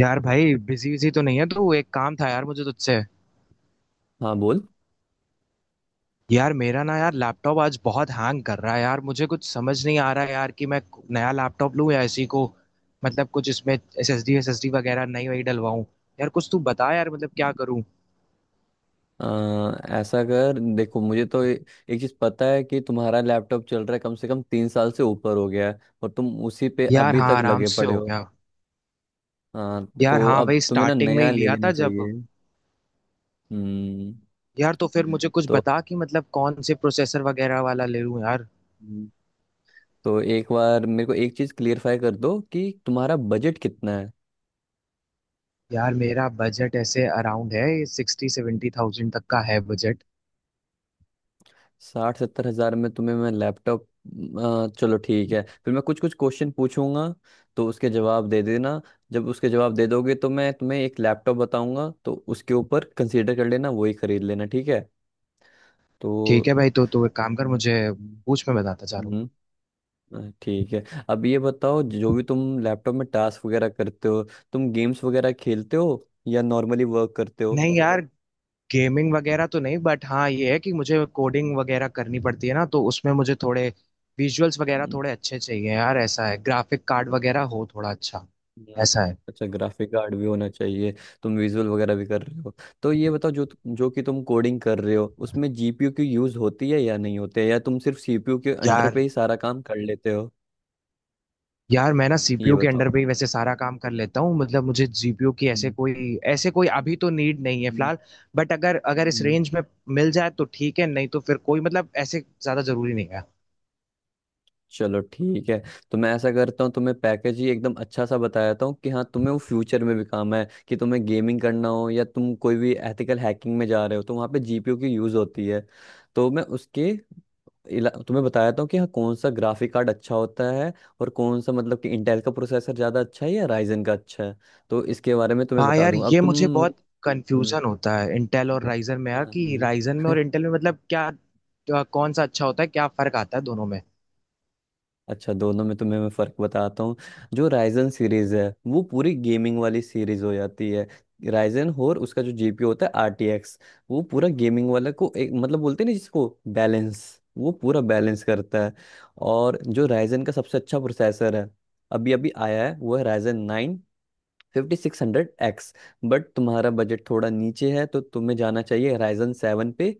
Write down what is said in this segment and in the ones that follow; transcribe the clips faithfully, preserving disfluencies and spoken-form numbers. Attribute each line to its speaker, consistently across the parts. Speaker 1: यार भाई, busy busy तो नहीं है तू। एक काम था यार मुझे तुझसे।
Speaker 2: हाँ, बोल।
Speaker 1: यार मेरा ना, यार लैपटॉप आज बहुत हैंग कर रहा है यार। मुझे कुछ समझ नहीं आ रहा है यार कि मैं नया लैपटॉप लूं या इसी को। मतलब कुछ इसमें S S D S S D वगैरह नई वही डलवाऊं। यार कुछ तू बता यार, मतलब क्या करूं।
Speaker 2: अ, ऐसा कर, देखो, मुझे तो ए- एक चीज पता है कि तुम्हारा लैपटॉप चल रहा है, कम से कम तीन साल से ऊपर हो गया है और तुम उसी पे
Speaker 1: यार
Speaker 2: अभी
Speaker 1: हाँ,
Speaker 2: तक
Speaker 1: आराम
Speaker 2: लगे
Speaker 1: से
Speaker 2: पड़े
Speaker 1: हो
Speaker 2: हो।
Speaker 1: गया।
Speaker 2: हाँ
Speaker 1: यार
Speaker 2: तो
Speaker 1: हाँ,
Speaker 2: अब
Speaker 1: वही
Speaker 2: तुम्हें ना
Speaker 1: स्टार्टिंग में
Speaker 2: नया
Speaker 1: ही
Speaker 2: ले
Speaker 1: लिया
Speaker 2: लेना
Speaker 1: था जब।
Speaker 2: चाहिए। हम्म।
Speaker 1: यार तो फिर मुझे कुछ
Speaker 2: तो
Speaker 1: बता कि मतलब कौन से प्रोसेसर वगैरह वाला ले लूं यार।
Speaker 2: तो एक बार मेरे को एक चीज क्लियरफाई कर दो कि तुम्हारा बजट कितना है।
Speaker 1: यार मेरा बजट ऐसे अराउंड है, सिक्सटी सेवेंटी थाउजेंड तक का है बजट।
Speaker 2: साठ सत्तर हजार में तुम्हें मैं लैपटॉप। अ, चलो ठीक है, फिर मैं कुछ कुछ क्वेश्चन पूछूंगा तो उसके जवाब दे देना। जब उसके जवाब दे दोगे तो मैं तुम्हें एक लैपटॉप बताऊंगा, तो उसके ऊपर कंसीडर कर लेना, वही खरीद लेना, ठीक है। तो
Speaker 1: ठीक है भाई, तो तू एक काम कर मुझे
Speaker 2: हम्म।
Speaker 1: पूछ, मैं बताता जा रहा हूँ।
Speaker 2: हम्म। अ, ठीक है, अब ये बताओ जो भी तुम लैपटॉप में टास्क वगैरह करते हो, तुम गेम्स वगैरह खेलते हो या नॉर्मली वर्क करते हो।
Speaker 1: नहीं यार, गेमिंग वगैरह तो नहीं, बट हाँ ये है कि मुझे कोडिंग वगैरह करनी पड़ती है ना तो उसमें मुझे थोड़े विजुअल्स वगैरह
Speaker 2: हम्म,
Speaker 1: थोड़े अच्छे चाहिए यार। ऐसा है, ग्राफिक कार्ड वगैरह हो थोड़ा अच्छा,
Speaker 2: हम्म,
Speaker 1: ऐसा है।
Speaker 2: अच्छा, ग्राफिक कार्ड भी होना चाहिए, तुम विजुअल वगैरह भी कर रहे हो। तो ये बताओ जो जो कि तुम कोडिंग कर रहे हो, उसमें जीपीयू की यूज होती है या नहीं होती है, या तुम सिर्फ सीपीयू के अंडर पे
Speaker 1: यार
Speaker 2: ही सारा काम कर लेते हो।
Speaker 1: यार, मैं ना
Speaker 2: ये
Speaker 1: सीपीयू के
Speaker 2: बताओ।
Speaker 1: अंडर पे ही वैसे सारा काम कर लेता हूँ, मतलब मुझे जीपीयू की ऐसे
Speaker 2: हम्म,
Speaker 1: कोई ऐसे कोई अभी तो नीड नहीं है
Speaker 2: हम्म,
Speaker 1: फिलहाल। बट अगर अगर इस
Speaker 2: हम्म।
Speaker 1: रेंज में मिल जाए तो ठीक है, नहीं तो फिर कोई मतलब ऐसे ज्यादा जरूरी नहीं है।
Speaker 2: चलो ठीक है, तो मैं ऐसा करता हूँ, तुम्हें पैकेज ही एकदम अच्छा सा बता देता हूँ कि हाँ तुम्हें वो फ्यूचर में भी काम है, कि तुम्हें गेमिंग करना हो या तुम कोई भी एथिकल हैकिंग में जा रहे हो, तो वहाँ पे जीपीयू की यूज होती है। तो मैं उसके इला- तुम्हें बताया था कि हाँ कौन सा ग्राफिक कार्ड अच्छा होता है, और कौन सा मतलब कि इंटेल का प्रोसेसर ज़्यादा अच्छा है या राइजन का अच्छा है, तो इसके बारे में तुम्हें
Speaker 1: हाँ
Speaker 2: बता
Speaker 1: यार,
Speaker 2: दूंगा। अब
Speaker 1: ये
Speaker 2: तुम
Speaker 1: मुझे
Speaker 2: मुझे।
Speaker 1: बहुत
Speaker 2: हम्म,
Speaker 1: कंफ्यूजन होता है इंटेल और राइजन में यार,
Speaker 2: हाँ,
Speaker 1: कि
Speaker 2: हम्म।
Speaker 1: राइजन में और इंटेल में, मतलब क्या क्या- कौन सा अच्छा होता है, क्या फर्क आता है दोनों में।
Speaker 2: अच्छा, दोनों में तुम्हें मैं फ़र्क बताता हूँ। जो राइजन सीरीज़ है वो पूरी गेमिंग वाली सीरीज़ हो जाती है। राइजन, और उसका जो जीपीयू होता है, आरटीएक्स, वो पूरा गेमिंग वाला को एक मतलब बोलते हैं ना जिसको बैलेंस, वो पूरा बैलेंस करता है। और जो राइजन का सबसे अच्छा प्रोसेसर है, अभी अभी आया है, वो है Ryzen fifty six hundred X. But तुम्हारा बजट थोड़ा नीचे है, तो तुम्हें जाना चाहिए Ryzen सेवन पे,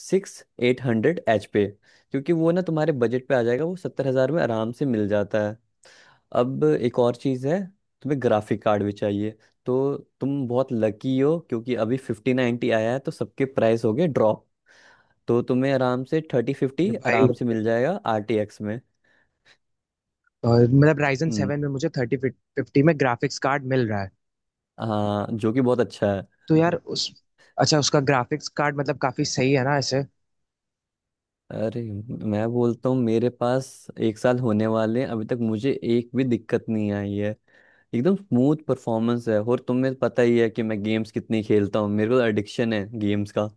Speaker 2: सिक्स एट हंड्रेड एच पे, क्योंकि वो ना तुम्हारे बजट पे आ जाएगा, वो सत्तर हजार में आराम से मिल जाता है। अब एक और चीज़ है, तुम्हें ग्राफिक कार्ड भी चाहिए। तो तुम बहुत लकी हो क्योंकि अभी फिफ्टी नाइन्टी आया है तो सबके प्राइस हो गए ड्रॉप, तो तुम्हें आराम से थर्टी
Speaker 1: ये
Speaker 2: फिफ्टी
Speaker 1: भाई,
Speaker 2: आराम से मिल जाएगा आर टी एक्स में।
Speaker 1: और मतलब राइजन
Speaker 2: हम्म।
Speaker 1: सेवन में मुझे थर्टी फिफ्टी में ग्राफिक्स कार्ड मिल रहा है।
Speaker 2: हाँ, जो कि बहुत अच्छा है।
Speaker 1: तो यार उस अच्छा, उसका ग्राफिक्स कार्ड मतलब काफी सही है ना ऐसे।
Speaker 2: अरे, मैं बोलता हूँ, मेरे पास एक साल होने वाले हैं, अभी तक मुझे एक भी दिक्कत नहीं आई है। एकदम स्मूथ परफॉर्मेंस है, और तुम्हें पता ही है कि मैं गेम्स कितनी खेलता हूँ, मेरे को एडिक्शन है गेम्स का,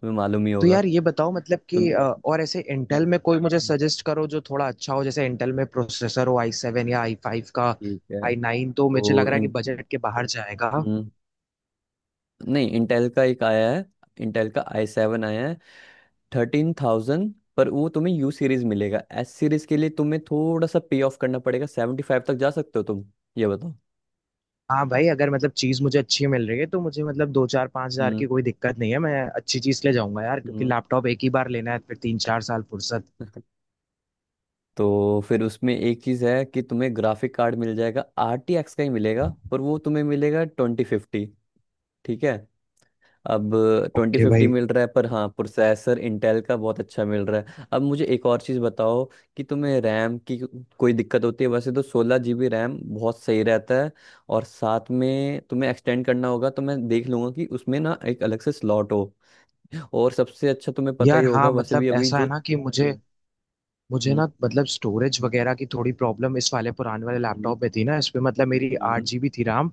Speaker 2: तुम्हें मालूम ही
Speaker 1: तो
Speaker 2: होगा।
Speaker 1: यार ये बताओ मतलब
Speaker 2: तुम।
Speaker 1: कि अ, और ऐसे इंटेल में कोई मुझे सजेस्ट करो जो थोड़ा अच्छा हो, जैसे इंटेल में प्रोसेसर हो आई सेवन या आई फाइव का।
Speaker 2: ठीक है,
Speaker 1: आई नाइन तो मुझे लग
Speaker 2: तो
Speaker 1: रहा है कि
Speaker 2: इन,
Speaker 1: बजट के बाहर जाएगा।
Speaker 2: हम्म, नहीं, इंटेल का एक आया है, इंटेल का आई सेवन आया है, थर्टीन थाउजेंड। पर वो तुम्हें यू सीरीज मिलेगा, एस सीरीज के लिए तुम्हें थोड़ा सा पे ऑफ करना पड़ेगा, सेवेंटी फाइव तक जा सकते हो तुम। ये बताओ।
Speaker 1: हाँ भाई, अगर मतलब चीज मुझे अच्छी मिल रही है तो मुझे मतलब दो चार पांच हजार की
Speaker 2: हम्म
Speaker 1: कोई दिक्कत नहीं है, मैं अच्छी चीज ले जाऊंगा यार, क्योंकि लैपटॉप एक ही बार लेना है, फिर तीन चार साल फुर्सत।
Speaker 2: हम्म। तो फिर उसमें एक चीज़ है कि तुम्हें ग्राफिक कार्ड मिल जाएगा, आर टी एक्स का ही मिलेगा पर वो तुम्हें मिलेगा ट्वेंटी फिफ्टी। ठीक है, अब ट्वेंटी
Speaker 1: ओके
Speaker 2: फिफ्टी
Speaker 1: भाई।
Speaker 2: मिल रहा है पर हाँ प्रोसेसर इंटेल का बहुत अच्छा मिल रहा है। अब मुझे एक और चीज़ बताओ, कि तुम्हें रैम की कोई दिक्कत होती है। वैसे तो सोलह जी बी रैम बहुत सही रहता है, और साथ में तुम्हें एक्सटेंड करना होगा तो मैं देख लूंगा कि उसमें ना एक अलग से स्लॉट हो, और सबसे अच्छा तुम्हें पता ही
Speaker 1: यार
Speaker 2: होगा
Speaker 1: हाँ,
Speaker 2: वैसे भी
Speaker 1: मतलब
Speaker 2: अभी
Speaker 1: ऐसा
Speaker 2: जो।
Speaker 1: है ना कि मुझे
Speaker 2: हम्म,
Speaker 1: मुझे
Speaker 2: हम्म,
Speaker 1: ना मतलब स्टोरेज वगैरह की थोड़ी प्रॉब्लम इस वाले पुराने वाले
Speaker 2: हम्म,
Speaker 1: लैपटॉप में थी ना, इस पे मतलब मेरी आठ जीबी थी RAM।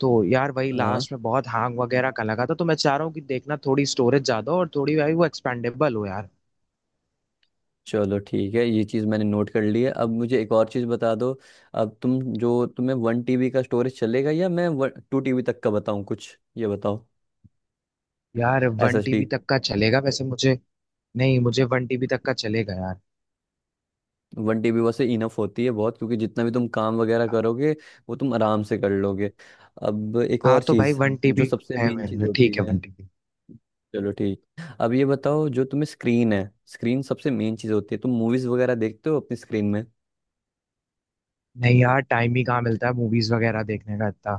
Speaker 1: तो यार वही
Speaker 2: हम्म।
Speaker 1: लास्ट में बहुत हैंग वगैरह का लगा था, तो मैं चाह रहा हूँ कि देखना थोड़ी स्टोरेज ज्यादा हो और थोड़ी भाई वो एक्सपेंडेबल हो यार।
Speaker 2: चलो ठीक है, ये चीज़ मैंने नोट कर ली है। अब मुझे एक और चीज़ बता दो, अब तुम जो, तुम्हें वन टीबी का स्टोरेज चलेगा या मैं टू टीबी तक का बताऊँ कुछ, ये बताओ।
Speaker 1: यार
Speaker 2: S
Speaker 1: one
Speaker 2: S D.
Speaker 1: TB तक का चलेगा वैसे मुझे। नहीं, मुझे वन टीबी तक का चलेगा यार।
Speaker 2: वन टीबी वैसे इनफ होती है बहुत, क्योंकि जितना भी तुम काम वगैरह करोगे वो तुम आराम से कर लोगे। अब एक
Speaker 1: हाँ
Speaker 2: और
Speaker 1: तो भाई,
Speaker 2: चीज़,
Speaker 1: वन
Speaker 2: जो
Speaker 1: टीबी
Speaker 2: सबसे
Speaker 1: है
Speaker 2: मेन चीज़
Speaker 1: मेरे, ठीक
Speaker 2: होती
Speaker 1: है
Speaker 2: है।
Speaker 1: One TB.
Speaker 2: चलो ठीक, अब ये बताओ, जो तुम्हें स्क्रीन है, स्क्रीन सबसे मेन चीज़ होती है, तुम मूवीज़ वगैरह देखते हो अपनी स्क्रीन में।
Speaker 1: नहीं यार, टाइम ही कहाँ मिलता है मूवीज वगैरह देखने का इतना।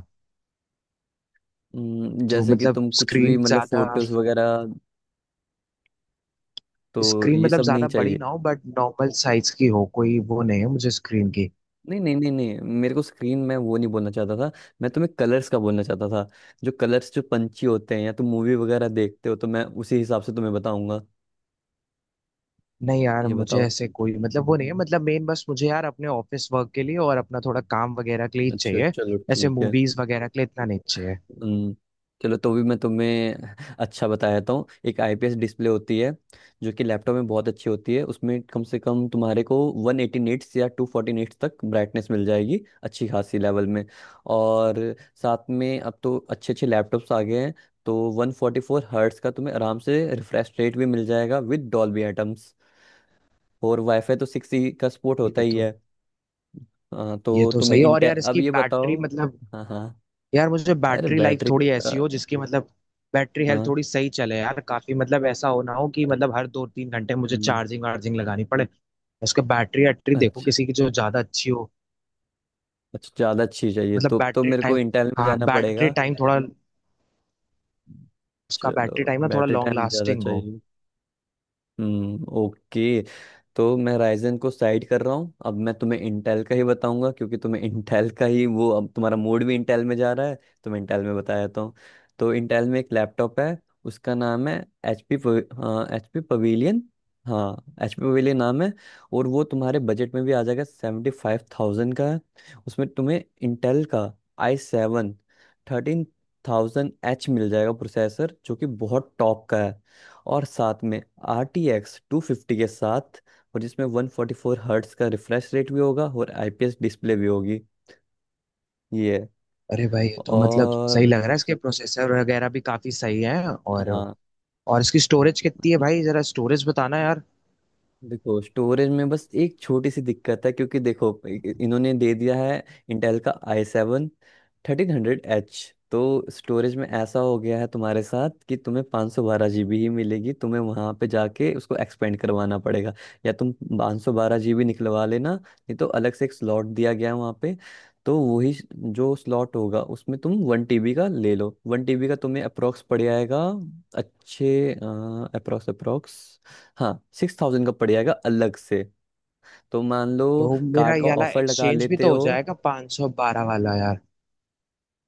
Speaker 2: हम्म,
Speaker 1: तो
Speaker 2: जैसे कि
Speaker 1: मतलब
Speaker 2: तुम कुछ भी
Speaker 1: स्क्रीन
Speaker 2: मतलब
Speaker 1: ज्यादा
Speaker 2: फोटोज वगैरह। तो
Speaker 1: स्क्रीन
Speaker 2: ये
Speaker 1: मतलब
Speaker 2: सब नहीं
Speaker 1: ज्यादा बड़ी
Speaker 2: चाहिए।
Speaker 1: ना हो बट नॉर्मल साइज की हो, कोई वो नहीं है मुझे स्क्रीन की।
Speaker 2: नहीं नहीं नहीं नहीं, मेरे को स्क्रीन में वो नहीं बोलना चाहता था, मैं तुम्हें कलर्स का बोलना चाहता था। जो कलर्स जो पंछी होते हैं, या तुम मूवी वगैरह देखते हो, तो मैं उसी हिसाब से तुम्हें बताऊंगा।
Speaker 1: नहीं यार,
Speaker 2: ये
Speaker 1: मुझे
Speaker 2: बताओ।
Speaker 1: ऐसे कोई मतलब वो नहीं है, मतलब मेन बस मुझे यार अपने ऑफिस वर्क के लिए और अपना थोड़ा काम वगैरह के लिए ही
Speaker 2: अच्छा,
Speaker 1: चाहिए।
Speaker 2: चलो
Speaker 1: ऐसे
Speaker 2: ठीक है।
Speaker 1: मूवीज वगैरह के लिए इतना नहीं चाहिए।
Speaker 2: हम्म, चलो तो भी मैं तुम्हें अच्छा बता देता हूँ, एक आईपीएस डिस्प्ले होती है, जो कि लैपटॉप में बहुत अच्छी होती है, उसमें कम से कम तुम्हारे को वन एटी निट्स या टू फोर्टी निट्स तक ब्राइटनेस मिल जाएगी, अच्छी खासी लेवल में। और साथ में अब तो अच्छे अच्छे लैपटॉप्स आ गए हैं, तो वन फोर्टी फोर हर्ट्स का तुम्हें आराम से रिफ्रेश रेट भी मिल जाएगा विद डॉल्बी एटम्स, और वाईफाई तो सिक्स ई का सपोर्ट होता
Speaker 1: ये
Speaker 2: ही
Speaker 1: तो
Speaker 2: है। हाँ
Speaker 1: ये
Speaker 2: तो
Speaker 1: तो
Speaker 2: तुम्हें
Speaker 1: सही है, और
Speaker 2: इंटे,
Speaker 1: यार
Speaker 2: अब
Speaker 1: इसकी
Speaker 2: ये
Speaker 1: बैटरी
Speaker 2: बताओ।
Speaker 1: मतलब,
Speaker 2: हाँ, हाँ,
Speaker 1: यार मुझे
Speaker 2: अरे
Speaker 1: बैटरी लाइफ
Speaker 2: बैटरी,
Speaker 1: थोड़ी ऐसी हो जिसकी मतलब बैटरी हेल्थ
Speaker 2: हाँ,
Speaker 1: थोड़ी सही चले यार काफी, मतलब ऐसा हो ना हो कि मतलब हर दो तीन घंटे मुझे
Speaker 2: हम्म,
Speaker 1: चार्जिंग वार्जिंग लगानी पड़े। उसके बैटरी वैटरी देखो
Speaker 2: अच्छा,
Speaker 1: किसी की जो ज्यादा अच्छी हो।
Speaker 2: अच्छा ज़्यादा अच्छी चाहिए
Speaker 1: मतलब
Speaker 2: तो तो
Speaker 1: बैटरी
Speaker 2: मेरे को
Speaker 1: टाइम,
Speaker 2: इंटेल में
Speaker 1: हाँ
Speaker 2: जाना
Speaker 1: बैटरी
Speaker 2: पड़ेगा।
Speaker 1: टाइम थोड़ा, उसका
Speaker 2: चलो,
Speaker 1: बैटरी टाइम ना थोड़ा
Speaker 2: बैटरी
Speaker 1: लॉन्ग
Speaker 2: टाइम ज़्यादा
Speaker 1: लास्टिंग हो।
Speaker 2: चाहिए। हम्म, ओके। तो मैं राइजन को साइड कर रहा हूँ, अब मैं तुम्हें इंटेल का ही बताऊंगा क्योंकि तुम्हें इंटेल का ही वो, अब तुम्हारा मूड भी इंटेल में जा रहा है, तो मैं इंटेल में बता देता हूँ। तो इंटेल में एक लैपटॉप है, उसका नाम है एच पी, हाँ एच पी पवेलियन, हाँ एच पी पवेलियन नाम है, और वो तुम्हारे बजट में भी आ जाएगा, सेवेंटी फाइव थाउजेंड का है। उसमें तुम्हें इंटेल का i seven thirteen thousand H मिल जाएगा प्रोसेसर, जो कि बहुत टॉप का है, और साथ में R T X two fifty के साथ, और जिसमें वन फोर्टी फोर हर्ट्स का रिफ्रेश रेट भी होगा और आई पी एस डिस्प्ले भी होगी। ये है।
Speaker 1: अरे भाई, ये तो मतलब सही
Speaker 2: और
Speaker 1: लग रहा है, इसके प्रोसेसर वगैरह भी काफी सही है, और
Speaker 2: हाँ,
Speaker 1: और इसकी स्टोरेज कितनी है भाई, जरा स्टोरेज बताना यार।
Speaker 2: देखो स्टोरेज में बस एक छोटी सी दिक्कत है क्योंकि देखो इ- इ- इन्होंने दे दिया है इंटेल का i seven thirteen hundred H, तो स्टोरेज में ऐसा हो गया है तुम्हारे साथ कि तुम्हें पाँच सौ बारह जी बी ही मिलेगी, तुम्हें वहाँ पे जाके उसको एक्सपेंड करवाना पड़ेगा, या तुम पाँच सौ बारह जी बी निकलवा लेना, नहीं तो अलग से एक स्लॉट दिया गया है वहाँ पे। तो वही स- जो स्लॉट होगा उसमें तुम वन टीबी का ले लो, वन टीबी का तुम्हें अप्रोक्स पड़ जाएगा, अच्छे अप्रोक्स, अप्रोक्स हाँ, सिक्स थाउजेंड का पड़ जाएगा अलग से। तो मान लो
Speaker 1: तो मेरा
Speaker 2: कार्ड का
Speaker 1: ये वाला
Speaker 2: ऑफर लगा
Speaker 1: एक्सचेंज भी
Speaker 2: लेते
Speaker 1: तो हो
Speaker 2: हो।
Speaker 1: जाएगा, पाँच सौ बारह वाला यार,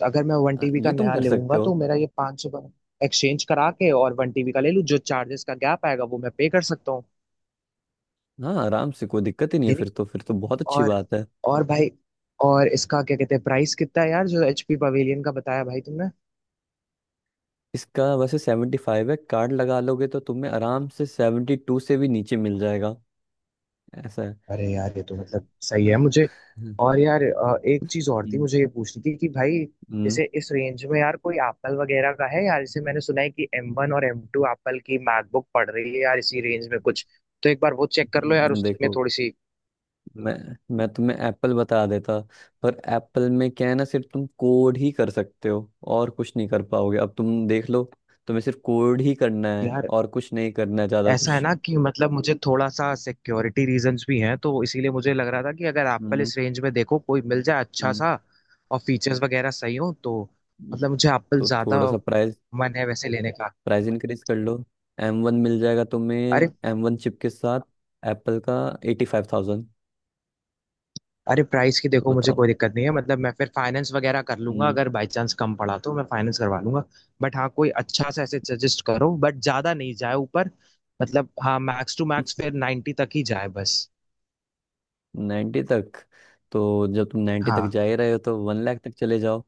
Speaker 1: अगर मैं वन
Speaker 2: अ,
Speaker 1: टीबी का
Speaker 2: ये तुम
Speaker 1: नया
Speaker 2: कर सकते
Speaker 1: लूंगा
Speaker 2: हो,
Speaker 1: तो मेरा ये पाँच सौ एक्सचेंज करा के और वन टीबी का ले लूँ, जो चार्जेस का गैप आएगा वो मैं पे कर सकता हूँ।
Speaker 2: हाँ आराम से, कोई दिक्कत ही नहीं है,
Speaker 1: ये नहीं,
Speaker 2: फिर तो फिर तो बहुत अच्छी
Speaker 1: और
Speaker 2: बात है।
Speaker 1: और भाई, और इसका क्या कहते हैं, प्राइस कितना है यार, जो एचपी पवेलियन का बताया भाई तुमने।
Speaker 2: इसका वैसे सेवेंटी फाइव है, कार्ड लगा लोगे तो तुम्हें आराम से सेवेंटी टू से भी नीचे मिल जाएगा। ऐसा है।
Speaker 1: अरे यार, ये तो मतलब सही
Speaker 2: अ,
Speaker 1: है मुझे।
Speaker 2: हम्म,
Speaker 1: और यार, अ, एक चीज और थी
Speaker 2: हम्म,
Speaker 1: मुझे ये पूछनी थी कि भाई, जैसे इस रेंज में यार कोई एप्पल वगैरह का है यार, जैसे मैंने सुना है कि एम वन और एम टू एप्पल की मैकबुक पड़ रही है यार इसी रेंज में कुछ। तो एक बार वो चेक कर लो यार,
Speaker 2: हम्म,
Speaker 1: उसमें
Speaker 2: देखो
Speaker 1: थोड़ी सी।
Speaker 2: मैं मैं तुम्हें एप्पल बता देता, पर एप्पल में क्या है ना, सिर्फ तुम कोड ही कर सकते हो, और कुछ नहीं कर पाओगे, अब तुम देख लो, तुम्हें सिर्फ कोड ही करना है
Speaker 1: यार
Speaker 2: और कुछ नहीं करना है ज्यादा
Speaker 1: ऐसा है
Speaker 2: कुछ।
Speaker 1: ना कि मतलब मुझे थोड़ा सा सिक्योरिटी रीजंस भी हैं, तो इसीलिए मुझे लग रहा था कि अगर एप्पल
Speaker 2: हम्म
Speaker 1: इस रेंज में देखो कोई मिल जाए अच्छा
Speaker 2: हम्म
Speaker 1: सा और फीचर्स वगैरह सही हो तो,
Speaker 2: हम्म।
Speaker 1: मतलब मुझे एप्पल
Speaker 2: तो
Speaker 1: ज्यादा
Speaker 2: थोड़ा सा प्राइस
Speaker 1: मन है वैसे लेने का।
Speaker 2: प्राइस इंक्रीज कर लो, एम वन मिल जाएगा तुम्हें,
Speaker 1: अरे
Speaker 2: एम वन चिप के साथ एप्पल का, एटी फाइव थाउजेंड।
Speaker 1: अरे, प्राइस की
Speaker 2: तो
Speaker 1: देखो मुझे
Speaker 2: बताओ।
Speaker 1: कोई दिक्कत नहीं है, मतलब मैं फिर फाइनेंस वगैरह कर लूंगा,
Speaker 2: हम्म।
Speaker 1: अगर बाई चांस कम पड़ा तो मैं फाइनेंस करवा लूंगा। बट हाँ, कोई अच्छा सा ऐसे सजेस्ट करो बट ज्यादा नहीं जाए ऊपर। मतलब हाँ, मैक्स टू मैक्स फिर नाइन्टी तक ही जाए बस।
Speaker 2: नाइन्टी तक, तो जब तुम नाइन्टी तक
Speaker 1: हाँ,
Speaker 2: जा ही रहे हो तो वन लाख तक चले जाओ,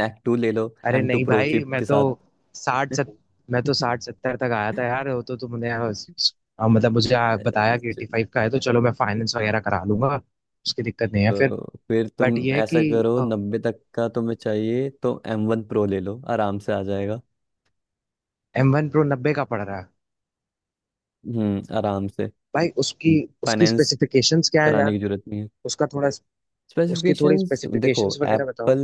Speaker 2: मैक टू ले लो,
Speaker 1: अरे
Speaker 2: एम टू
Speaker 1: नहीं
Speaker 2: प्रो
Speaker 1: भाई,
Speaker 2: चिप
Speaker 1: मैं
Speaker 2: के
Speaker 1: तो
Speaker 2: साथ।
Speaker 1: साठ सत मैं तो साठ सत्तर तक आया था यार, वो तो तुमने आ, स- आ, मतलब मुझे आ, बताया कि एट्टी
Speaker 2: चल-
Speaker 1: फाइव का है, तो चलो मैं फाइनेंस वगैरह करा लूंगा। उसकी दिक्कत नहीं है
Speaker 2: चलो,
Speaker 1: फिर।
Speaker 2: फिर
Speaker 1: बट
Speaker 2: तुम
Speaker 1: ये है
Speaker 2: ऐसा
Speaker 1: कि
Speaker 2: करो, नब्बे तक का तुम्हें चाहिए तो एम वन प्रो ले लो, आराम से आ जाएगा।
Speaker 1: एम वन प्रो नब्बे का पड़ रहा है।
Speaker 2: हम्म, आराम से।
Speaker 1: भाई, उसकी उसकी
Speaker 2: फाइनेंस
Speaker 1: स्पेसिफिकेशंस क्या है
Speaker 2: कराने
Speaker 1: यार,
Speaker 2: की जरूरत नहीं है।
Speaker 1: उसका थोड़ा उसकी थोड़ी
Speaker 2: स्पेसिफिकेशंस देखो
Speaker 1: स्पेसिफिकेशंस वगैरह बताओ।
Speaker 2: एप्पल,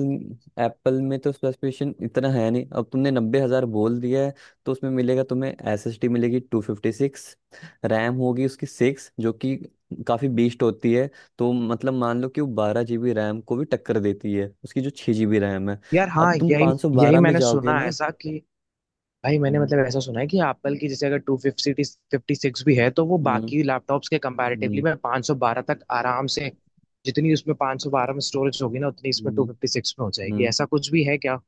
Speaker 2: एप्पल में तो स्पेसिफिकेशन इतना है नहीं, अब तुमने नब्बे हजार बोल दिया है, तो उसमें मिलेगा तुम्हें, एसएसडी मिलेगी टू फिफ्टी सिक्स, रैम होगी उसकी सिक्स, जो कि काफी बीस्ट होती है। तो मतलब मान लो कि वो बारह जीबी रैम को भी टक्कर देती है, उसकी जो छह जीबी रैम है।
Speaker 1: यार हाँ,
Speaker 2: अब तुम
Speaker 1: यही
Speaker 2: पाँच सौ
Speaker 1: यही
Speaker 2: बारह में
Speaker 1: मैंने
Speaker 2: जाओगे
Speaker 1: सुना है
Speaker 2: ना।
Speaker 1: ऐसा कि, भाई मैंने
Speaker 2: हम्म
Speaker 1: मतलब ऐसा सुना है कि एप्पल की, जैसे अगर टू फिफ्टी फिफ्टी सिक्स भी है तो वो
Speaker 2: हम्म
Speaker 1: बाकी लैपटॉप्स के कंपैरेटिवली
Speaker 2: हम्म
Speaker 1: में पाँच सौ बारह तक आराम से, जितनी उसमें पाँच सौ बारह में स्टोरेज होगी ना, उतनी इसमें टू
Speaker 2: हम्म,
Speaker 1: फिफ्टी सिक्स में हो जाएगी,
Speaker 2: हम्म।
Speaker 1: ऐसा कुछ भी है क्या?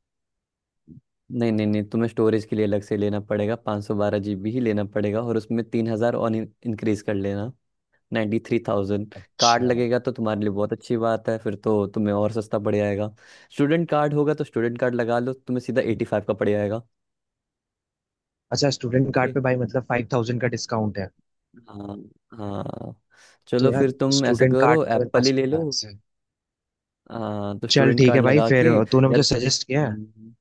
Speaker 2: नहीं नहीं नहीं, तुम्हें स्टोरेज के लिए अलग से लेना पड़ेगा, पाँच सौ बारह सौ बारह जीबी ही लेना पड़ेगा, और उसमें तीन हजार और इंक्रीज कर लेना, नाइन्टी थ्री थाउजेंड। कार्ड
Speaker 1: अच्छा
Speaker 2: लगेगा तो तुम्हारे लिए बहुत अच्छी बात है, फिर तो तुम्हें और सस्ता पड़ जाएगा। स्टूडेंट कार्ड होगा तो स्टूडेंट कार्ड लगा लो, तुम्हें सीधा एटी फाइव का पड़ जाएगा।
Speaker 1: अच्छा, स्टूडेंट कार्ड
Speaker 2: ओके,
Speaker 1: पे भाई मतलब फाइव थाउजेंड का डिस्काउंट है।
Speaker 2: हाँ, हाँ,
Speaker 1: तो
Speaker 2: चलो फिर
Speaker 1: यार,
Speaker 2: तुम ऐसा
Speaker 1: स्टूडेंट कार्ड
Speaker 2: करो,
Speaker 1: तो मेरे
Speaker 2: एप्पल ही
Speaker 1: पास
Speaker 2: ले लो।
Speaker 1: पड़ा से।
Speaker 2: हाँ तो
Speaker 1: चल
Speaker 2: स्टूडेंट
Speaker 1: ठीक
Speaker 2: कार्ड
Speaker 1: है भाई
Speaker 2: लगा
Speaker 1: फिर,
Speaker 2: के,
Speaker 1: तूने
Speaker 2: या
Speaker 1: मुझे सजेस्ट किया है।
Speaker 2: हम्म,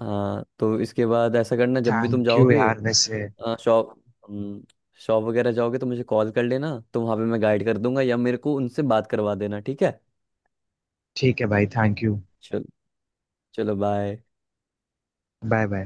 Speaker 2: हाँ। तो इसके बाद ऐसा करना, जब भी तुम
Speaker 1: थैंक यू
Speaker 2: जाओगे
Speaker 1: यार वैसे।
Speaker 2: शॉप, हम्म, शॉप वगैरह जाओगे तो मुझे कॉल कर लेना, तो वहाँ पे मैं गाइड कर दूंगा, या मेरे को उनसे बात करवा देना, ठीक है।
Speaker 1: ठीक है भाई, थैंक यू।
Speaker 2: चलो, चलो बाय।
Speaker 1: Bye bye.